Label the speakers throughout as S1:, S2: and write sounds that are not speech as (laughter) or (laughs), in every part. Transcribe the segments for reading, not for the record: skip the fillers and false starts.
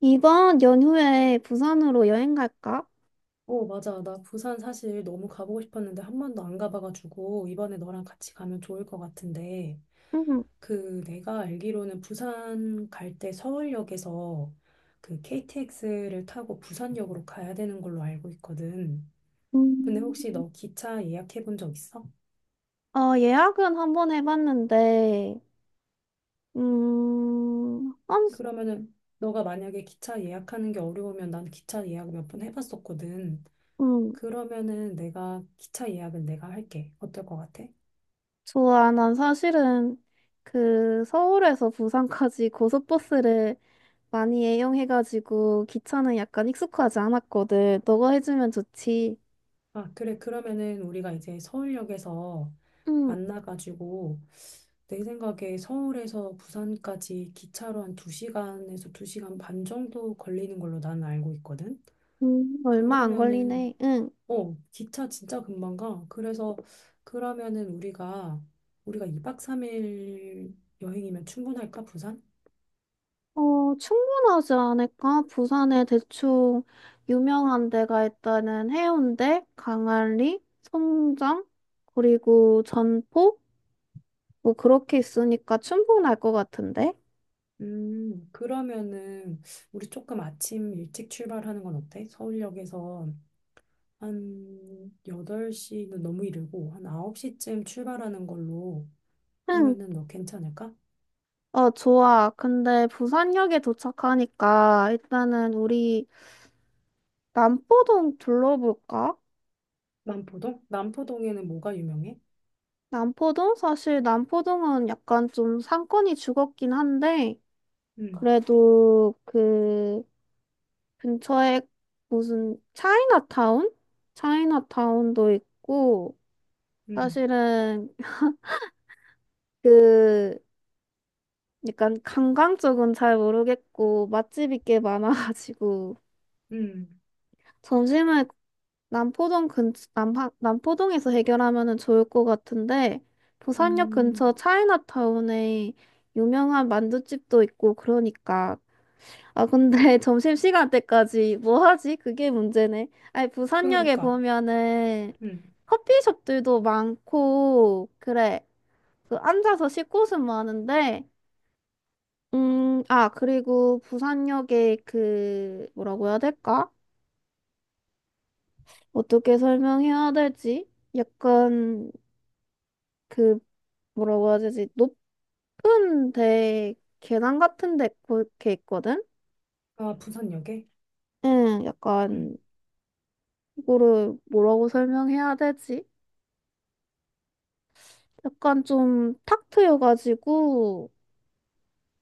S1: 이번 연휴에 부산으로 여행 갈까?
S2: 어, 맞아. 나 부산 사실 너무 가보고 싶었는데 한 번도 안 가봐가지고 이번에 너랑 같이 가면 좋을 것 같은데
S1: 응.
S2: 그 내가 알기로는 부산 갈 때 서울역에서 그 KTX를 타고 부산역으로 가야 되는 걸로 알고 있거든. 근데
S1: 음,
S2: 혹시 너 기차 예약해 본 적 있어?
S1: 어, 예약은 한번 해봤는데, 음, 한,
S2: 그러면은 너가 만약에 기차 예약하는 게 어려우면 난 기차 예약을 몇 번 해봤었거든.
S1: 음,
S2: 그러면은 내가 기차 예약은 내가 할게. 어떨 것 같아?
S1: 좋아. 난 사실은 그 서울에서 부산까지 (laughs) 고속버스를 많이 애용해가지고 기차는 약간 익숙하지 않았거든. 너가 해주면 좋지.
S2: 아, 그래. 그러면은 우리가 이제 서울역에서
S1: 응.
S2: 만나가지고 내 생각에 서울에서 부산까지 기차로 한 2시간에서 2시간 반 정도 걸리는 걸로 난 알고 있거든.
S1: 음. 얼마 안
S2: 그러면은
S1: 걸리네. 응.
S2: 어, 기차 진짜 금방 가. 그래서 그러면은 우리가 2박 3일 여행이면 충분할까, 부산?
S1: 어, 충분하지 않을까? 부산에 대충 유명한 데가 있다는 해운대, 강안리, 송정, 그리고 전포? 뭐 그렇게 있으니까 충분할 것 같은데?
S2: 그러면은 우리 조금 아침 일찍 출발하는 건 어때? 서울역에서 한 8시는 너무 이르고 한 9시쯤 출발하는 걸로
S1: 응,
S2: 하면은 너 괜찮을까?
S1: 어, 좋아. 근데 부산역에 도착하니까 일단은 우리 남포동 둘러볼까?
S2: 남포동? 남포동에는 뭐가 유명해?
S1: 남포동? 사실 남포동은 약간 좀 상권이 죽었긴 한데,
S2: 음,
S1: 그래도 그, 근처에 무슨 차이나타운? 차이나타운도 있고,
S2: 음,
S1: 사실은 그, 약간 관광 쪽은 잘 모르겠고, 맛집이 꽤 많아가지고,
S2: 음,
S1: 점심을 남포동에서 해결하면은 좋을 것 같은데, 부산역
S2: 음.
S1: 근처 차이나타운에 유명한 만둣집도 있고, 그러니까 아, 근데 (laughs) 점심시간 때까지 뭐 하지? 그게 문제네. 아니, 부산역에
S2: 그러니까,
S1: 보면은
S2: 음.
S1: 커피숍들도 많고, 그래. 그 앉아서 쉴 곳은 많은데, 아, 그리고 부산역에 그, 뭐라고 해야 될까? 어떻게 설명해야 될지? 약간 그, 뭐라고 해야 되지? 높은 데, 계단 같은 데 그렇게 있거든?
S2: 아, 부산역에?
S1: 응, 약간,
S2: 음.
S1: 이거를 뭐라고 설명해야 되지? 약간 좀 탁 트여가지고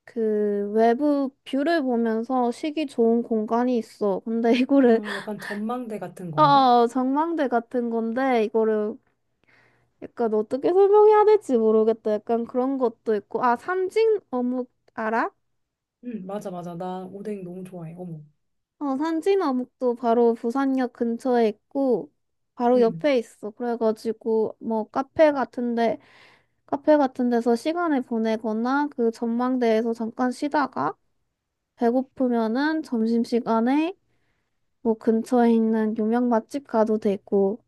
S1: 그 외부 뷰를 보면서 쉬기 좋은 공간이 있어. 근데 이거를
S2: 어,
S1: (laughs)
S2: 약간 전망대 같은 건가?
S1: 아, 전망대 같은 건데 이거를 약간 어떻게 설명해야 될지 모르겠다. 약간 그런 것도 있고 아, 산진 어묵 알아?
S2: 맞아, 맞아. 나 오뎅 너무 좋아해. 어머.
S1: 어, 산진 어묵도 바로 부산역 근처에 있고 바로 옆에 있어. 그래가지고 뭐 카페 같은데 카페 같은 데서 시간을 보내거나 그 전망대에서 잠깐 쉬다가 배고프면은 점심시간에 뭐 근처에 있는 유명 맛집 가도 되고.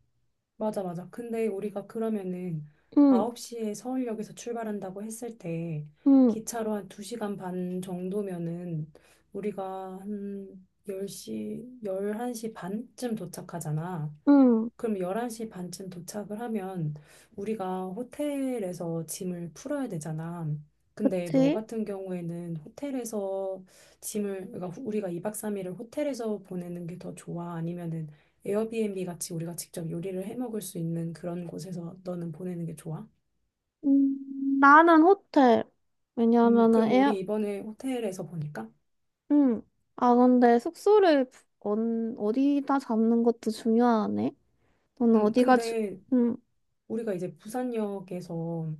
S2: 맞아, 맞아. 근데 우리가 그러면은
S1: 응.
S2: 9시에 서울역에서 출발한다고 했을 때
S1: 응.
S2: 기차로 한 2시간 반 정도면은 우리가 한 10시 11시 반쯤 도착하잖아.
S1: 응.
S2: 그럼 11시 반쯤 도착을 하면 우리가 호텔에서 짐을 풀어야 되잖아. 근데 너
S1: 그치?
S2: 같은 경우에는 호텔에서 짐을, 그러니까 우리가 2박 3일을 호텔에서 보내는 게 더 좋아? 아니면은 에어비앤비 같이 우리가 직접 요리를 해 먹을 수 있는 그런 곳에서 너는 보내는 게 좋아?
S1: 음, 나는 호텔. 왜냐하면은
S2: 그럼 우리
S1: 에어,
S2: 이번에 호텔에서 보니까?
S1: 응. 아, 근데 숙소를 어, 어디다 잡는 것도 중요하네. 너는 어디가 주,
S2: 근데
S1: 응.
S2: 우리가 이제 부산역에서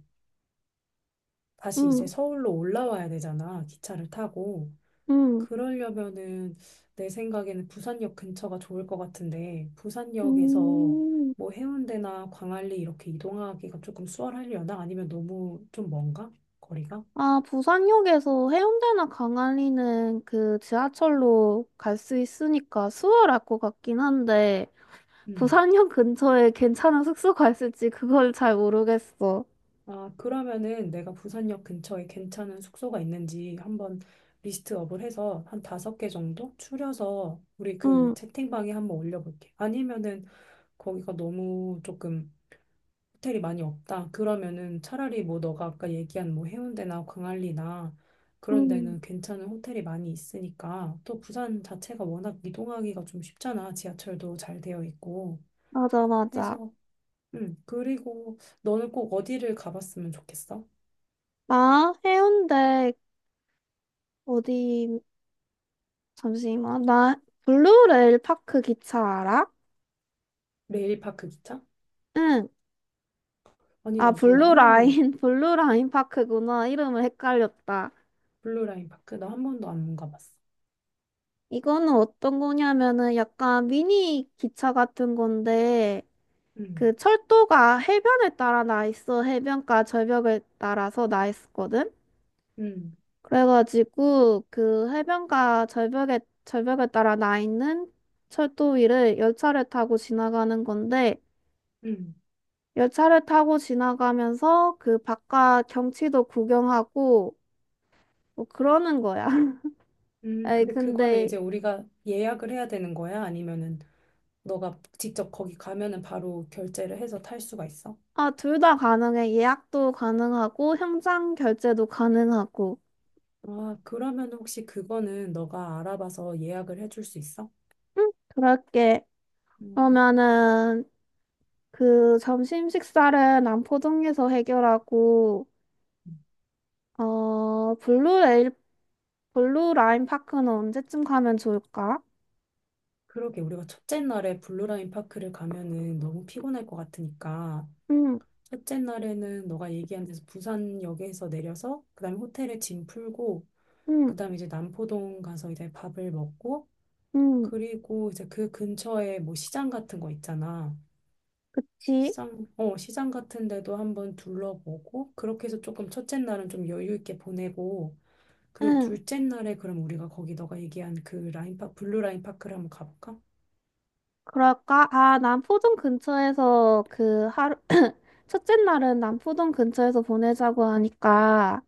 S2: 다시 이제
S1: 응.
S2: 서울로 올라와야 되잖아. 기차를 타고.
S1: 응.
S2: 그러려면은 내 생각에는 부산역 근처가 좋을 것 같은데 부산역에서
S1: 음.
S2: 뭐 해운대나 광안리 이렇게 이동하기가 조금 수월하려나? 아니면 너무 좀 먼가? 거리가?
S1: 아, 부산역에서 해운대나 강안리는 그 지하철로 갈 수 있으니까 수월할 것 같긴 한데.
S2: 음.
S1: 부산역 근처에 괜찮은 숙소가 있을지 그걸 잘 모르겠어.
S2: 아, 그러면은 내가 부산역 근처에 괜찮은 숙소가 있는지 한번 리스트업을 해서 한 5개 정도 추려서 우리 그
S1: 응.
S2: 채팅방에 한번 올려볼게. 아니면은 거기가 너무 조금 호텔이 많이 없다. 그러면은 차라리 뭐 너가 아까 얘기한 뭐 해운대나 광안리나 그런
S1: 응,
S2: 데는 괜찮은 호텔이 많이 있으니까 또 부산 자체가 워낙 이동하기가 좀 쉽잖아. 지하철도 잘 되어 있고
S1: 맞아, 맞아.
S2: 해서 그리고 너는 꼭 어디를 가봤으면 좋겠어?
S1: 나 해운대 어디, 잠시만. 나 블루레일 파크 기차 알아?
S2: 레일파크 기차?
S1: 응.
S2: 아니
S1: 아,
S2: 나 몰라 한 번도
S1: (laughs) 블루라인 파크구나. 이름을 헷갈렸다.
S2: 블루라인 파크 나 한 번도 안 가봤어.
S1: 이거는 어떤 거냐면은 약간 미니 기차 같은 건데,
S2: 음
S1: 그 철도가 해변에 따라 나 있어. 해변가 절벽을 따라서 나 있거든? 었
S2: 음,
S1: 그래가지고 그 해변가 절벽에 따라 나 있는 철도 위를 열차를 타고 지나가는 건데
S2: 음,
S1: 열차를 타고 지나가면서 그 바깥 경치도 구경하고 뭐 그러는 거야. (laughs) 에이
S2: 근데 그거는
S1: 근데
S2: 이제 우리가 예약을 해야 되는 거야? 아니면은 너가 직접 거기 가면은 바로 결제를 해서 탈 수가 있어?
S1: 아, 둘 다 가능해. 예약도 가능하고 현장 결제도 가능하고.
S2: 아, 그러면 혹시 그거는 너가 알아봐서 예약을 해줄 수 있어?
S1: 응, 그럴게.
S2: 음,
S1: 그러면은 그 점심 식사를 남포동에서 해결하고 어 블루 라인 파크는 언제쯤 가면 좋을까?
S2: 그러게 우리가 첫째 날에 블루라인 파크를 가면은 너무 피곤할 것 같으니까
S1: 응.
S2: 첫째 날에는 너가 얘기한 데서 부산역에서 내려서 그다음에 호텔에 짐 풀고
S1: 응.
S2: 그다음에 이제 남포동 가서 이제 밥을 먹고
S1: 응.
S2: 그리고 이제 그 근처에 뭐 시장 같은 거 있잖아.
S1: 그치?
S2: 시장 같은 데도 한번 둘러보고, 그렇게 해서 조금 첫째 날은 좀 여유 있게 보내고, 그리고
S1: 응,
S2: 둘째 날에 그럼 우리가 거기 너가 얘기한 그 블루 라인파크를 한번 가볼까?
S1: 그럴까? 아, 남포동 근처에서 그 (clears throat) 첫째 날은 남포동 근처에서 보내자고 하니까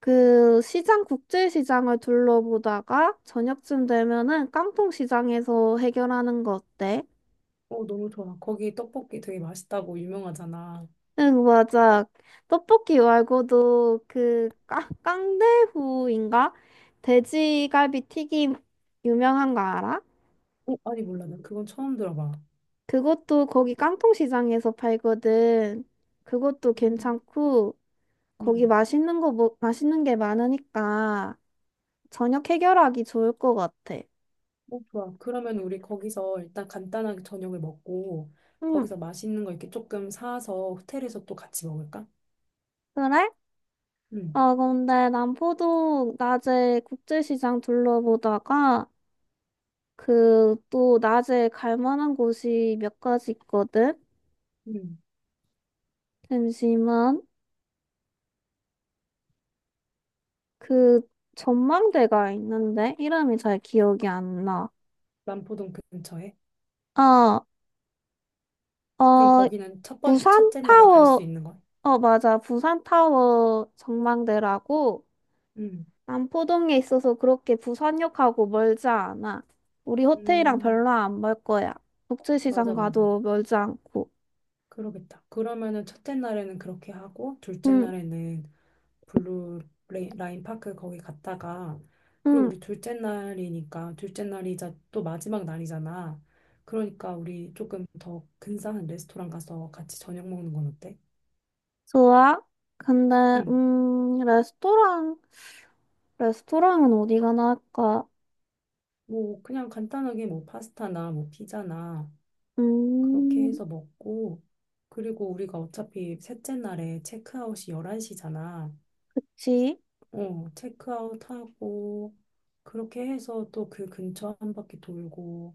S1: 그 시장, 국제시장을 둘러보다가 저녁쯤 되면은 깡통시장에서 해결하는 거 어때?
S2: 어, 너무 좋아. 거기 떡볶이 되게 맛있다고 유명하잖아.
S1: 응, 맞아. 떡볶이 말고도 그 깡대후인가? 돼지갈비 튀김 유명한 거 알아?
S2: 어, 아니, 몰라. 나 그건 처음 들어봐.
S1: 그것도 거기 깡통시장에서 팔거든. 그것도
S2: 음.
S1: 괜찮고 거기
S2: 음.
S1: 맛있는 거 맛있는 게 많으니까 저녁 해결하기 좋을 것 같아.
S2: 어, 좋아. 그러면 우리 거기서 일단 간단하게 저녁을 먹고,
S1: 응.
S2: 거기서 맛있는 거 이렇게 조금 사서 호텔에서 또 같이 먹을까?
S1: 그래?
S2: 응,
S1: 어, 근데 남포동 낮에 국제시장 둘러보다가 그 또 낮에 갈 만한 곳이 몇 가지 있거든.
S2: 응.
S1: 잠시만. 그 전망대가 있는데 이름이 잘 기억이 안 나.
S2: 남포동 근처에.
S1: 아,
S2: 그럼
S1: 어,
S2: 거기는
S1: 부산
S2: 첫째 날에 갈 수
S1: 타워.
S2: 있는 거야.
S1: 어, 맞아. 부산 타워 전망대라고
S2: 음,
S1: 남포동에 있어서 그렇게 부산역하고 멀지 않아. 우리 호텔이랑
S2: 음,
S1: 별로 안 멀 거야. 국제시장
S2: 맞아, 맞아.
S1: 가도 멀지 않고.
S2: 그러겠다. 그러면은 첫째 날에는 그렇게 하고, 둘째
S1: 응.
S2: 날에는 블루 라인 파크 거기 갔다가, 그리고
S1: 응,
S2: 우리 둘째 날이니까, 둘째 날이자 또 마지막 날이잖아. 그러니까 우리 조금 더 근사한 레스토랑 가서 같이 저녁 먹는 건 어때?
S1: 좋아. 근데
S2: 응.
S1: 레스토랑은 어디가 나을까?
S2: 뭐, 그냥 간단하게 뭐 파스타나 뭐 피자나 그렇게
S1: 음,
S2: 해서 먹고, 그리고 우리가 어차피 셋째 날에 체크아웃이 11시잖아.
S1: 그치.
S2: 어, 체크아웃 하고, 그렇게 해서 또 그 근처 한 바퀴 돌고,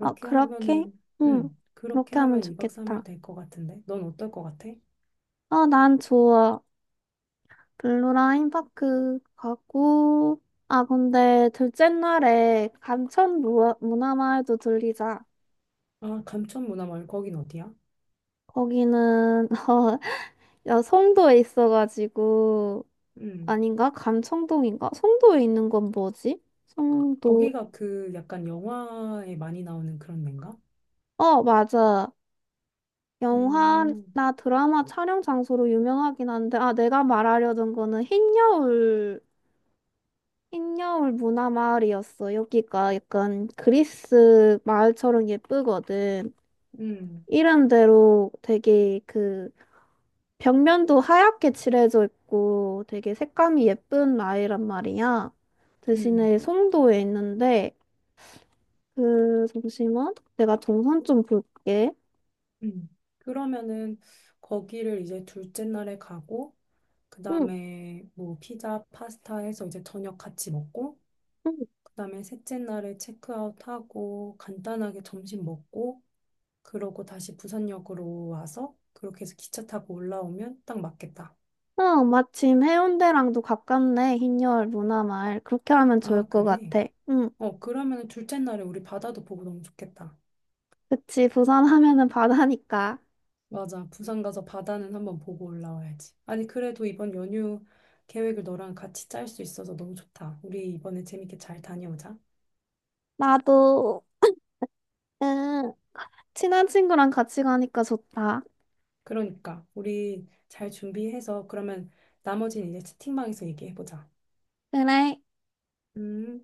S1: 어, 그렇게?
S2: 하면은,
S1: 응,
S2: 그렇게
S1: 그렇게 하면
S2: 하면 2박 3일
S1: 좋겠다.
S2: 될 것 같은데? 넌 어떨 것 같아?
S1: 어, 난 좋아. 블루라인 파크 가고, 아, 근데 둘째 날에 감천 문화마을도 들리자.
S2: 아, 감천문화마을, 거긴 어디야?
S1: 거기는, (laughs) 어, 야, 송도에 있어가지고,
S2: 음,
S1: 아닌가? 감청동인가? 송도에 있는 건 뭐지? 송도.
S2: 거기가 그 약간 영화에 많이 나오는 그런 데인가?
S1: 어, 맞아.
S2: 음,
S1: 영화나 드라마 촬영 장소로 유명하긴 한데, 아, 내가 말하려던 거는 흰여울. 흰여울 문화마을이었어. 여기가 약간 그리스 마을처럼 예쁘거든.
S2: 음,
S1: 이름대로 되게 그 벽면도 하얗게 칠해져 있고 되게 색감이 예쁜 마을이란 말이야.
S2: 음,
S1: 대신에 송도에 있는데 그 잠시만 내가 동선 좀 볼게.
S2: 음. 그러면은 거기를 이제 둘째 날에 가고,
S1: 응.
S2: 그다음에 뭐 피자, 파스타 해서 이제 저녁 같이 먹고
S1: 응.
S2: 그다음에 셋째 날에 체크아웃하고 간단하게 점심 먹고 그러고 다시 부산역으로 와서 그렇게 해서 기차 타고 올라오면 딱 맞겠다.
S1: 어, 마침 해운대랑도 가깝네. 흰여울 문화마을. 그렇게 하면 좋을
S2: 아,
S1: 것
S2: 그래.
S1: 같아. 응.
S2: 어, 그러면 둘째 날에 우리 바다도 보고 너무 좋겠다.
S1: 그치. 부산 하면은 바다니까.
S2: 맞아. 부산 가서 바다는 한번 보고 올라와야지. 아니, 그래도 이번 연휴 계획을 너랑 같이 짤 수 있어서 너무 좋다. 우리 이번에 재밌게 잘 다녀오자.
S1: 나도. 응, 친한 친구랑 같이 가니까 좋다.
S2: 그러니까 우리 잘 준비해서 그러면 나머지는 이제 채팅방에서 얘기해보자.
S1: 그래,
S2: 음.